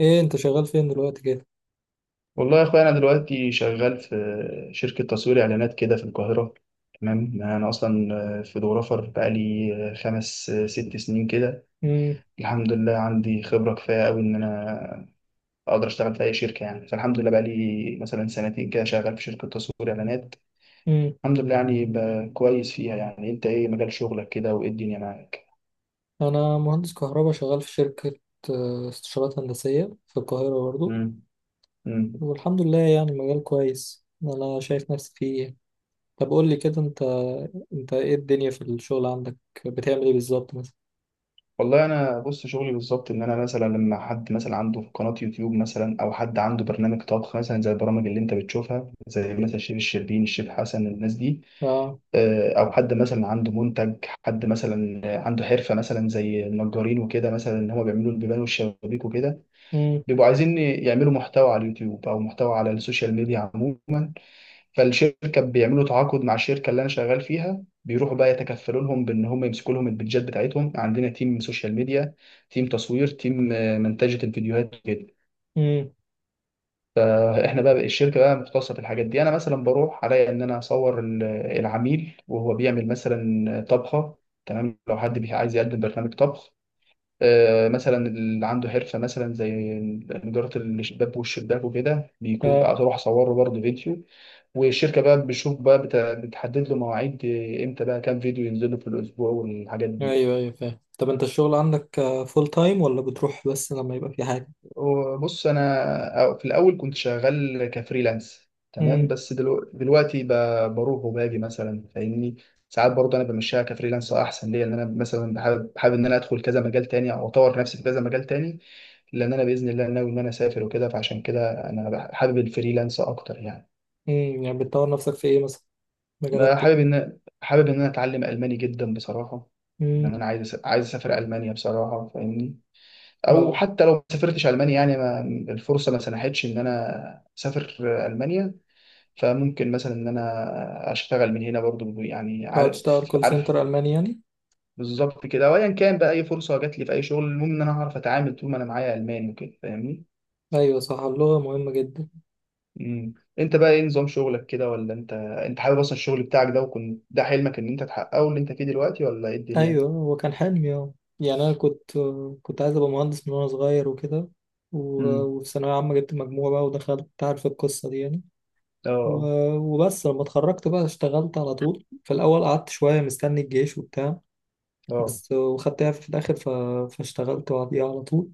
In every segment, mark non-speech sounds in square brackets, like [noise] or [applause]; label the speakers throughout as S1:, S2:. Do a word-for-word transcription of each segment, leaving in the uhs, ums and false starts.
S1: ايه انت شغال فين دلوقتي كده؟
S2: والله يا اخويا انا دلوقتي شغال في شركه تصوير اعلانات كده في القاهره. تمام، انا اصلا فوتوغرافر بقالي خمس ست سنين كده.
S1: امم.
S2: الحمد لله عندي خبره كفايه قوي ان انا اقدر اشتغل في اي شركه يعني، فالحمد لله بقالي مثلا سنتين كده شغال في شركه تصوير اعلانات.
S1: امم.
S2: الحمد لله يعني ب- كويس فيها. يعني انت ايه مجال شغلك كده؟ وايه الدنيا معاك؟
S1: انا مهندس كهرباء شغال في شركة آه، استشارات هندسية في القاهرة برضو.
S2: امم.
S1: والحمد لله، يعني مجال كويس انا شايف نفسي فيه يعني. طب قول لي كده، انت انت ايه الدنيا في الشغل عندك؟ بتعمل ايه بالظبط مثلا؟
S2: والله انا بص، شغلي بالظبط ان انا مثلا لما حد مثلا عنده قناه يوتيوب مثلا، او حد عنده برنامج طبخ مثلا، زي البرامج اللي انت بتشوفها، زي مثلا الشيف الشربين، الشيف حسن، الناس دي.
S1: اه.
S2: آه، او حد مثلا عنده منتج، حد مثلا عنده حرفه مثلا زي النجارين وكده، مثلا ان هم بيعملوا البيبان والشبابيك وكده،
S1: امم.
S2: بيبقوا عايزين يعملوا محتوى على اليوتيوب او محتوى على السوشيال ميديا عموما. فالشركه بيعملوا تعاقد مع الشركه اللي انا شغال فيها، بيروحوا بقى يتكفلوا لهم بان هم يمسكوا لهم البيدجات بتاعتهم. عندنا تيم سوشيال ميديا، تيم تصوير، تيم آه، منتجه الفيديوهات كده.
S1: امم.
S2: فاحنا بقى الشركه بقى مختصه في الحاجات دي. انا مثلا بروح عليا ان انا اصور ال- العميل وهو بيعمل مثلا طبخه. تمام، لو حد بي- عايز يقدم برنامج طبخ، آه، مثلا اللي عنده حرفه مثلا زي نجاره الشباك والشباك وكده، بيكون
S1: اه.
S2: اروح اصوره برضه فيديو. والشركه بقى بتشوف بقى بت- بتحدد له مواعيد، آه، امتى بقى كام فيديو ينزلوا في الاسبوع والحاجات دي.
S1: ايوه ايوه فاهم. طب انت الشغل عندك فول تايم ولا بتروح بس لما يبقى في حاجة؟
S2: وبص، انا في الاول كنت شغال كفريلانس، تمام،
S1: امم.
S2: بس دلو- دلوقتي ب- بروح وباجي مثلا، فاهمني؟ ساعات برضه انا بمشيها كفريلانس احسن ليا، لان انا مثلا بحابب حابب ان انا ادخل كذا مجال تاني او اطور نفسي في كذا مجال تاني. لان انا باذن الله ناوي ان انا اسافر وكده، فعشان كده انا بح- حابب الفريلانس اكتر يعني.
S1: امم. يعني بتطور نفسك في ايه مثلا؟
S2: انا
S1: مجالات تانية؟
S2: حابب ان حابب ان انا اتعلم الماني جدا بصراحه.
S1: امم.
S2: لان انا عايز أس- عايز اسافر المانيا بصراحه، فاهمني؟ او
S1: اه.
S2: حتى لو ما سافرتش المانيا، يعني ما الفرصه ما سنحتش ان انا اسافر المانيا، فممكن مثلا ان انا اشتغل من هنا برضو يعني،
S1: آه،
S2: عارف
S1: تشتغل كول
S2: عارف؟
S1: سنتر ألماني يعني؟
S2: بالظبط كده. وايا كان بقى اي فرصه جات لي في اي شغل، المهم ان انا هعرف اتعامل طول ما انا معايا الماني وكده، فاهمني؟
S1: ايوه صح، اللغه مهمه جدا.
S2: امم. انت بقى ايه نظام شغلك كده؟ ولا انت انت حابب اصلا الشغل بتاعك ده؟ وكنت ده حلمك ان انت تحققه اللي انت فيه دلوقتي، ولا ايه الدنيا؟
S1: ايوه، هو كان حلمي اه. يعني انا كنت كنت عايز ابقى مهندس من وانا صغير وكده. و- وفي ثانويه عامه جبت مجموعه بقى ودخلت، أنت عارف القصه دي يعني.
S2: اه،
S1: و- وبس لما اتخرجت بقى اشتغلت على طول. في الاول قعدت شويه مستني الجيش وبتاع،
S2: اه.
S1: بس وخدتها في الاخر ف... فاشتغلت بعديها على طول.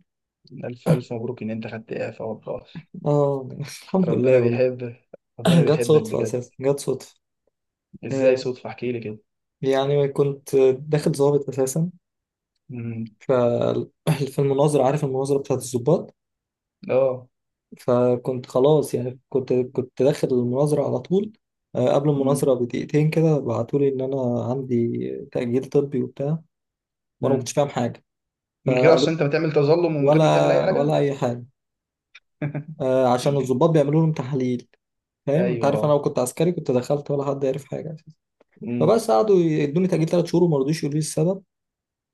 S2: ألف ألف مبروك إن أنت خدت إعفاء والله.
S1: اه [laughs] الحمد
S2: ربنا
S1: لله والله.
S2: بيحب، ربنا
S1: [clears throat] جت
S2: بيحبك
S1: صدفه
S2: بجد.
S1: اساسا، جت صدفه.
S2: إزاي
S1: آه،
S2: صدفة؟ احكي لي كده.
S1: يعني كنت داخل ضابط اساسا.
S2: امم.
S1: ف- [laughs] في المناظره، عارف المناظره بتاعت الضباط.
S2: اه.
S1: فكنت خلاص يعني، كنت كنت داخل المناظرة على طول. آه، قبل
S2: امم.
S1: المناظرة بدقيقتين كده بعتولي إن أنا عندي تأجيل طبي وبتاع، وأنا ما كنتش
S2: امم.
S1: فاهم حاجة.
S2: من غير
S1: فقالوا
S2: أصلا أنت ما تعمل تظلم، ومن غير ما تعمل أي
S1: ولا
S2: حاجة.
S1: ولا أي حاجة. آه، عشان الضباط
S2: [laughs]
S1: بيعملوا لهم تحاليل، فاهم؟ أنت عارف أنا
S2: أيوه.
S1: لو كنت عسكري كنت دخلت ولا حد عارف حاجة أساسا.
S2: امم.
S1: فبس قعدوا يدوني تأجيل تلات شهور وما رضوش يقولوا لي السبب.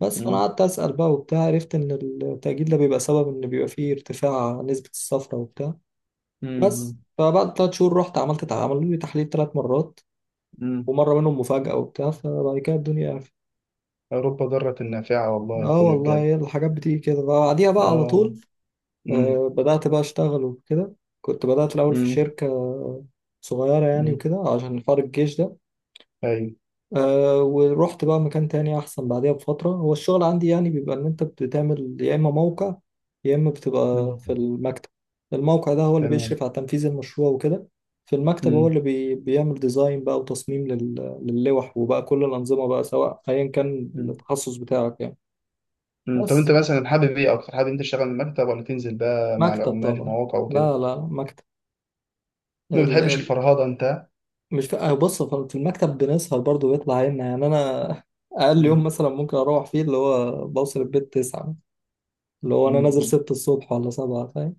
S1: بس فأنا
S2: امم.
S1: قعدت أسأل بقى وبتاع، عرفت إن التأجيل ده بيبقى سبب إن بيبقى فيه ارتفاع نسبة الصفرة وبتاع. بس
S2: امم.
S1: فبعد تلات شهور رحت عملت، عملوا لي تحليل تلات مرات،
S2: امم.
S1: ومره منهم مفاجاه وبتاع. فبعد كده الدنيا عرفت.
S2: أوروبا ضارة نافعة والله يا
S1: اه
S2: أخويا
S1: والله،
S2: بجد.
S1: هي الحاجات بتيجي كده بعديها بقى على
S2: اه.
S1: طول.
S2: امم.
S1: آه، بدات بقى اشتغل وكده. كنت بدات الاول في
S2: امم.
S1: شركه صغيره يعني
S2: امم.
S1: وكده عشان حوار الجيش ده.
S2: أيوه.
S1: أه، ورحت بقى مكان تاني أحسن بعديها بفترة. هو الشغل عندي يعني بيبقى إن أنت بتعمل يا إما موقع يا إما بتبقى في
S2: امم.
S1: المكتب. الموقع ده هو اللي
S2: تمام.
S1: بيشرف على تنفيذ المشروع وكده. في المكتب هو اللي بي بيعمل ديزاين بقى وتصميم لل... للوح، وبقى كل الأنظمة بقى سواء أيا كان
S2: امم.
S1: التخصص بتاعك يعني.
S2: مم. طب انت
S1: بس
S2: مثلا حابب ايه اكتر؟ حابب انت تشتغل من المكتب ولا تنزل بقى مع
S1: مكتب
S2: العمال في
S1: طبعا.
S2: مواقع وكده؟
S1: لا لا، مكتب.
S2: ما
S1: ال...
S2: بتحبش
S1: ال...
S2: الفرهده انت؟
S1: مش في... آه، بص، في المكتب بنسهر برضه، بيطلع عنا يعني. أنا [laughs] أقل
S2: مم.
S1: يوم مثلا ممكن أروح فيه اللي هو بوصل البيت تسعة، اللي هو انا نازل
S2: مم.
S1: ستة الصبح ولا سبعة فاهم.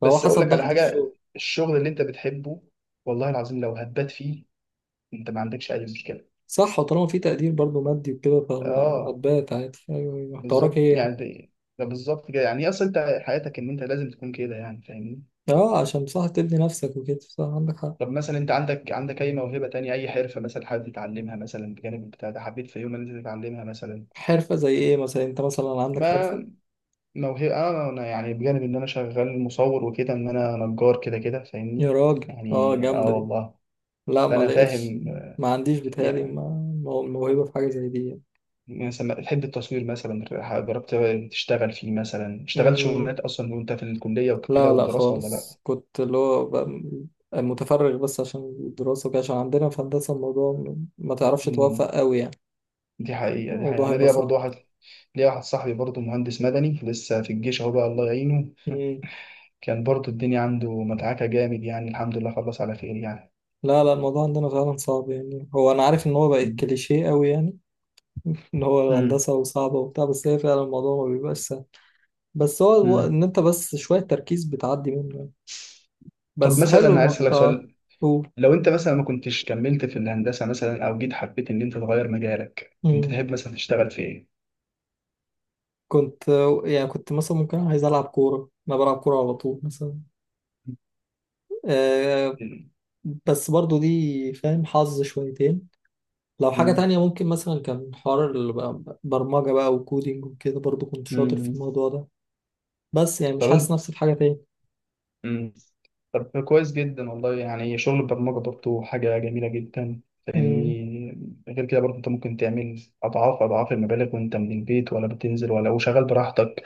S1: فهو
S2: بس اقول
S1: حسب
S2: لك على
S1: ضغط
S2: حاجه:
S1: الشغل.
S2: الشغل اللي انت بتحبه، والله العظيم لو هتبات فيه، انت ما عندكش اي مشكله.
S1: صح، وطالما في تقدير برضو مادي وكده، فما
S2: اه.
S1: هتبات عادي. ايوه ايوه، انت وراك ايه
S2: بالظبط
S1: يعني؟
S2: يعني، ده ده بالظبط كده يعني، اصلا انت حياتك ان انت لازم تكون كده يعني، فاهمني؟
S1: اه، عشان بصح تبني نفسك وكده. صح، عندك حق.
S2: طب مثلا انت عندك عندك اي موهبه تانية، اي حرفه مثلا حابب تتعلمها مثلا بجانب بتاع ده؟ حبيت في يوم ان انت تتعلمها مثلا؟
S1: حرفة زي ايه مثلا؟ انت مثلا عندك
S2: ما
S1: حرفة؟
S2: موهبة. آه، أنا أنا يعني بجانب إن أنا شغال مصور وكده، إن أنا نجار كده كده، فاهمني؟
S1: يا راجل اه،
S2: يعني آه،
S1: جامدة دي.
S2: والله.
S1: لا ما
S2: فأنا
S1: لقيتش،
S2: فاهم.
S1: ما عنديش بيتهيألي
S2: يعني
S1: ما- مو- موهبة في حاجة زي دي يعني.
S2: مثلا بتحب التصوير مثلا؟ جربت تشتغل فيه مثلا؟ اشتغلت
S1: امم.
S2: شغلانات أصلا وأنت في الكلية وكده
S1: لا لا
S2: والدراسة ولا لأ؟
S1: خالص، كنت اللي هو ب- متفرغ بس عشان الدراسة وكده، عشان عندنا في هندسة الموضوع ما تعرفش توفق
S2: مم.
S1: قوي يعني.
S2: دي حقيقة، دي حقيقة.
S1: الموضوع
S2: أنا
S1: هيبقى
S2: ليا برضو
S1: صعب.
S2: واحد، ليا واحد صاحبي برضو مهندس مدني لسه في الجيش أهو بقى، الله يعينه.
S1: مم.
S2: كان برضو الدنيا عنده مدعكة جامد يعني، الحمد لله خلص على خير يعني.
S1: لا لا، الموضوع عندنا فعلا صعب يعني. هو انا عارف ان هو بقت
S2: مم.
S1: كليشيه قوي يعني [laughs] ان هو
S2: مم.
S1: الهندسه وصعبه وبتاع، بس هي فعلا الموضوع ما بيبقاش سهل. بس هو هو
S2: مم.
S1: ان انت بس شويه تركيز بتعدي منه يعني.
S2: طب
S1: بس
S2: مثلا
S1: حلو
S2: عايز
S1: ما...
S2: اسالك
S1: اه.
S2: سؤال:
S1: قول.
S2: لو انت مثلا ما كنتش كملت في الهندسه مثلا، او جيت حبيت ان انت تغير مجالك، انت
S1: مم.
S2: تحب مثلا تشتغل في ايه؟
S1: كنت، يعني كنت مثلا ممكن عايز العب كوره، انا بلعب كوره على طول مثلا آه.
S2: مم.
S1: بس برضو دي فاهم حظ شويتين. لو حاجة
S2: مم.
S1: تانية ممكن، مثلا كان حوار البرمجة بقى، برمجة بقى وكودينج وكده، برضو كنت شاطر
S2: مم.
S1: في الموضوع ده. بس يعني
S2: طب
S1: مش حاسس
S2: انت،
S1: نفسي في حاجة تاني.
S2: مم، طب كويس جدا والله. يعني شغل البرمجه برضه حاجه جميله جدا،
S1: امم.
S2: لاني غير كده برضه انت ممكن تعمل اضعاف اضعاف المبالغ وانت من البيت، ولا بتنزل ولا، وشغال براحتك.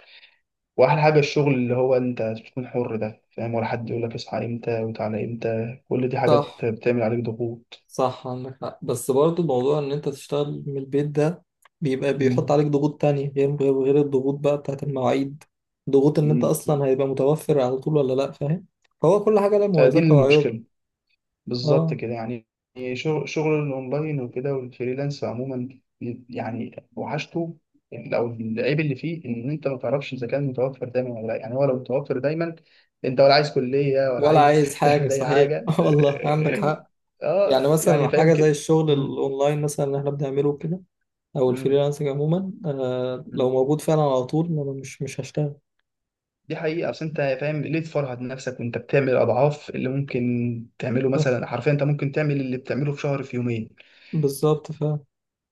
S2: واحلى حاجه الشغل اللي هو انت بتكون حر ده، فاهم؟ ولا حد يقول لك اصحى امتى وتعالى امتى، كل دي حاجات
S1: صح
S2: بتعمل عليك ضغوط.
S1: صح عندك حق. بس برضه الموضوع ان انت تشتغل من البيت ده بيبقى بيحط
S2: مم.
S1: عليك ضغوط تانية، غير غير غير الضغوط بقى بتاعت المواعيد. ضغوط ان انت
S2: مم.
S1: اصلا هيبقى متوفر على طول ولا لا، فاهم؟ هو كل حاجة لها
S2: آه، دي
S1: مميزاتها وعيوبها.
S2: المشكله. بالظبط
S1: اه.
S2: كده يعني. شغل، شغل الاونلاين وكده والفريلانس عموما يعني، وحشته او العيب اللي فيه ان انت ما تعرفش اذا كان متوفر دايما ولا لا. يعني هو لو متوفر دايما، انت ولا عايز كليه ولا
S1: ولا
S2: عايز
S1: عايز
S2: [laughs]
S1: حاجة
S2: تعمل اي
S1: صحيح
S2: حاجه،
S1: [laughs] والله عندك
S2: اه.
S1: حق. يعني
S2: آه، يعني
S1: مثلا
S2: فاهم
S1: حاجة زي
S2: كده.
S1: الشغل
S2: مم.
S1: الاونلاين مثلا اللي احنا بنعمله كده، او
S2: مم.
S1: الفريلانسنج عموما آه، لو
S2: مم.
S1: موجود فعلا على طول انا مش مش هشتغل.
S2: دي حقيقة. أصل أنت فاهم ليه تفرهد نفسك وأنت بتعمل أضعاف اللي ممكن تعمله
S1: صح،
S2: مثلا؟ حرفيا أنت ممكن تعمل اللي بتعمله في شهر في يومين.
S1: بالظبط فعلا.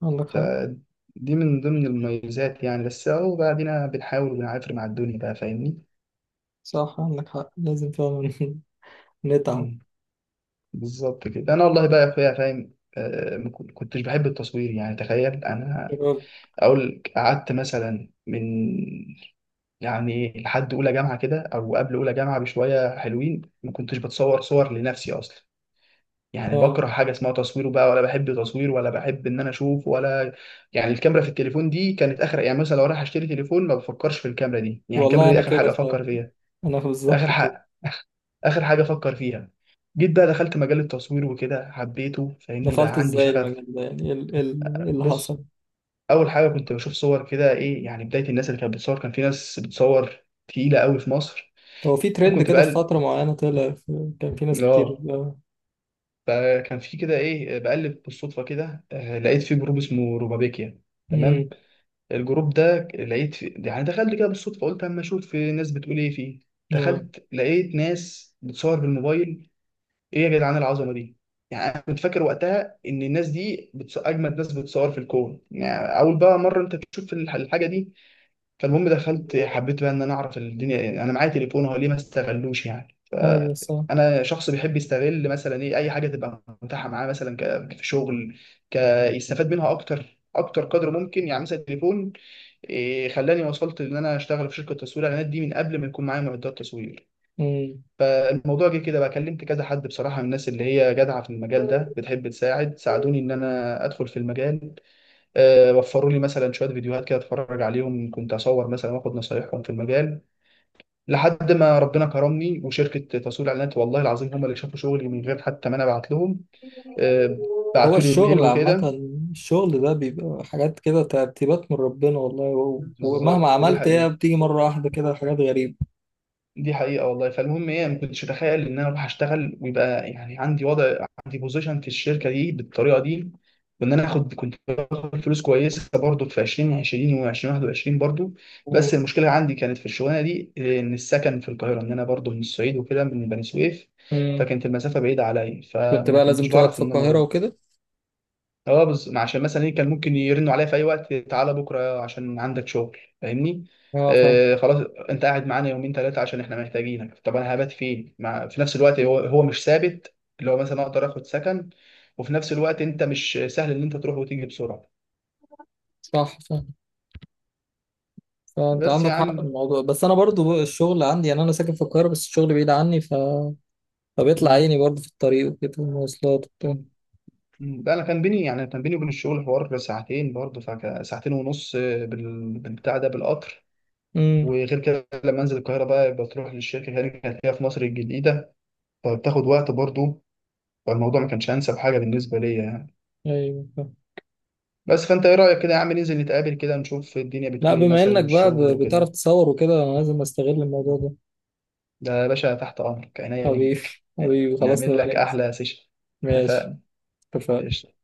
S1: عندك حق.
S2: فدي من ضمن المميزات يعني. بس اهو، بعدين بنحاول وبنعافر مع الدنيا بقى، فاهمني؟
S1: صح عندك حق، لازم فعلا [laughs] نتعب.
S2: مم. بالظبط كده. انا والله بقى يا اخويا فاهم، آه، ما كن- كنتش بحب التصوير يعني. تخيل انا
S1: شباب
S2: اقول قعدت مثلا من، يعني لحد اولى جامعه كده او قبل اولى جامعه بشويه حلوين، ما كنتش بتصور صور لنفسي اصلا. يعني
S1: آه.
S2: بكره حاجه اسمها تصوير بقى، ولا بحب تصوير، ولا بحب ان انا اشوف ولا. يعني الكاميرا في التليفون دي كانت اخر، يعني مثلا لو رايح اشتري تليفون ما بفكرش في الكاميرا دي، يعني الكاميرا
S1: والله
S2: دي
S1: انا
S2: اخر
S1: كده
S2: حاجه
S1: فعلا،
S2: افكر فيها.
S1: انا بالظبط
S2: اخر
S1: كده.
S2: حاجه، [laughs] اخر حاجه افكر فيها. جيت بقى دخلت مجال التصوير وكده حبيته، فاهمني؟
S1: دخلت
S2: بقى عندي
S1: ازاي
S2: شغف.
S1: المجال ده يعني؟ ايه ال- ال- إيه اللي
S2: بص،
S1: حصل؟
S2: اول حاجه كنت بشوف صور كده، ايه يعني بدايه الناس اللي كانت بتصور، كان في ناس بتصور تقيله قوي في مصر.
S1: هو في ترند
S2: كنت
S1: كده في
S2: بقى،
S1: فترة معينة طلع في- كان في ناس كتير
S2: اه.
S1: آه.
S2: فكان في كده ايه، بقلب بالصدفه كده، آه، لقيت في جروب اسمه روبابيكيا. تمام.
S1: امم.
S2: الجروب ده لقيت في، يعني دخلت كده بالصدفه، قلت اما اشوف في ناس بتقول ايه فيه.
S1: اه.
S2: دخلت لقيت ناس بتصور بالموبايل. ايه يا جدعان العظمه دي! يعني انا كنت فاكر وقتها ان الناس دي بتص... اجمد ناس بتصور في الكون يعني، اول بقى مره انت تشوف الح- الحاجه دي. فالمهم دخلت، حبيت بقى ان انا اعرف الدنيا، يعني انا معايا تليفون هو ليه ما استغلوش يعني.
S1: ايوه صح.
S2: فانا شخص بيحب يستغل مثلا ايه، اي حاجه تبقى متاحه معاه مثلا ك- كشغل، ك يستفاد منها اكتر اكتر قدر ممكن يعني. مثلا التليفون إيه خلاني وصلت ان انا اشتغل في شركه تصوير اعلانات دي من قبل ما يكون معايا معدات تصوير.
S1: امم.
S2: فالموضوع جه كده بقى، كلمت كذا حد بصراحه من الناس اللي هي جدعه في المجال ده بتحب تساعد، ساعدوني ان انا ادخل في المجال. آه، وفروا لي مثلا شويه فيديوهات كده اتفرج عليهم، كنت اصور مثلا واخد نصايحهم في المجال. لحد ما ربنا كرمني وشركه تسويق الاعلانات والله العظيم هم اللي شافوا شغلي من غير حتى ما انا ابعت لهم. آه،
S1: هو
S2: بعتوا لي ايميل
S1: الشغل عامة،
S2: وكده.
S1: الشغل ده بيبقى حاجات كده ترتيبات من ربنا والله. و- ومهما
S2: بالظبط، دي
S1: عملت هي
S2: حقيقه،
S1: بتيجي مرة واحدة كده، حاجات غريبة.
S2: دي حقيقة والله. فالمهم ايه، ما كنتش اتخيل ان انا اروح اشتغل ويبقى يعني عندي وضع، عندي بوزيشن في الشركة دي بالطريقة دي. وان انا اخد، كنت باخد فلوس كويسة برضو في ألفين وعشرين و2021 برضو. بس المشكلة عندي كانت في الشغلانة دي إيه، ان السكن في القاهرة، ان انا برضو من الصعيد وكده، من بني سويف،
S1: امم.
S2: فكانت المسافة بعيدة عليا،
S1: كنت
S2: فما
S1: بقى
S2: كنتش
S1: لازم تقعد
S2: بعرف
S1: في
S2: ان انا
S1: القاهرة
S2: اروح.
S1: وكده؟
S2: اه، بس عشان مثلا ايه كان ممكن يرنوا عليا في اي وقت: تعالى بكره عشان عندك شغل، فاهمني؟
S1: اه فاهم.
S2: آه خلاص، انت قاعد معانا يومين ثلاثه عشان احنا محتاجينك. طب انا هبات فين؟ مع في نفس الوقت هو هو مش ثابت اللي هو مثلا اقدر اخد سكن، وفي نفس الوقت انت مش سهل ان انت تروح وتيجي بسرعه.
S1: صح صح، فانت
S2: بس يا
S1: عندك حق في
S2: عم،
S1: الموضوع، بس انا برضو الشغل عندي يعني. انا ساكن في القاهره بس الشغل بعيد عني ف... فبيطلع
S2: م-
S1: عيني برضو في الطريق وكده والمواصلات وبتاع.
S2: م- ده انا كان بيني، يعني كان بيني وبين الشغل حوار ساعتين برضه، فك- ساعتين ونص بال- بالبتاع ده بالقطر.
S1: امم.
S2: وغير كده لما انزل القاهره بقى، بتروح للشركه، هنا كانت هي في مصر الجديده، فبتاخد وقت برضه. فالموضوع ما كانش انسب حاجه بالنسبه ليا يعني.
S1: ايوه فاهم.
S2: بس، فانت ايه رايك كده يا عم ننزل نتقابل كده نشوف الدنيا
S1: لا،
S2: بتقول ايه
S1: بما
S2: مثلا
S1: انك بقى
S2: والشغل
S1: ب- بتعرف
S2: وكده؟
S1: تصور وكده انا لازم استغل الموضوع ده.
S2: ده يا باشا تحت امرك، عينيا
S1: حبيبي،
S2: ليك يعني،
S1: حبيبي خلاص،
S2: نعمل
S1: نبقى
S2: لك
S1: ننزل.
S2: احلى سيشن.
S1: ماشي.
S2: اتفقنا.
S1: اتفقنا.
S2: قشطة.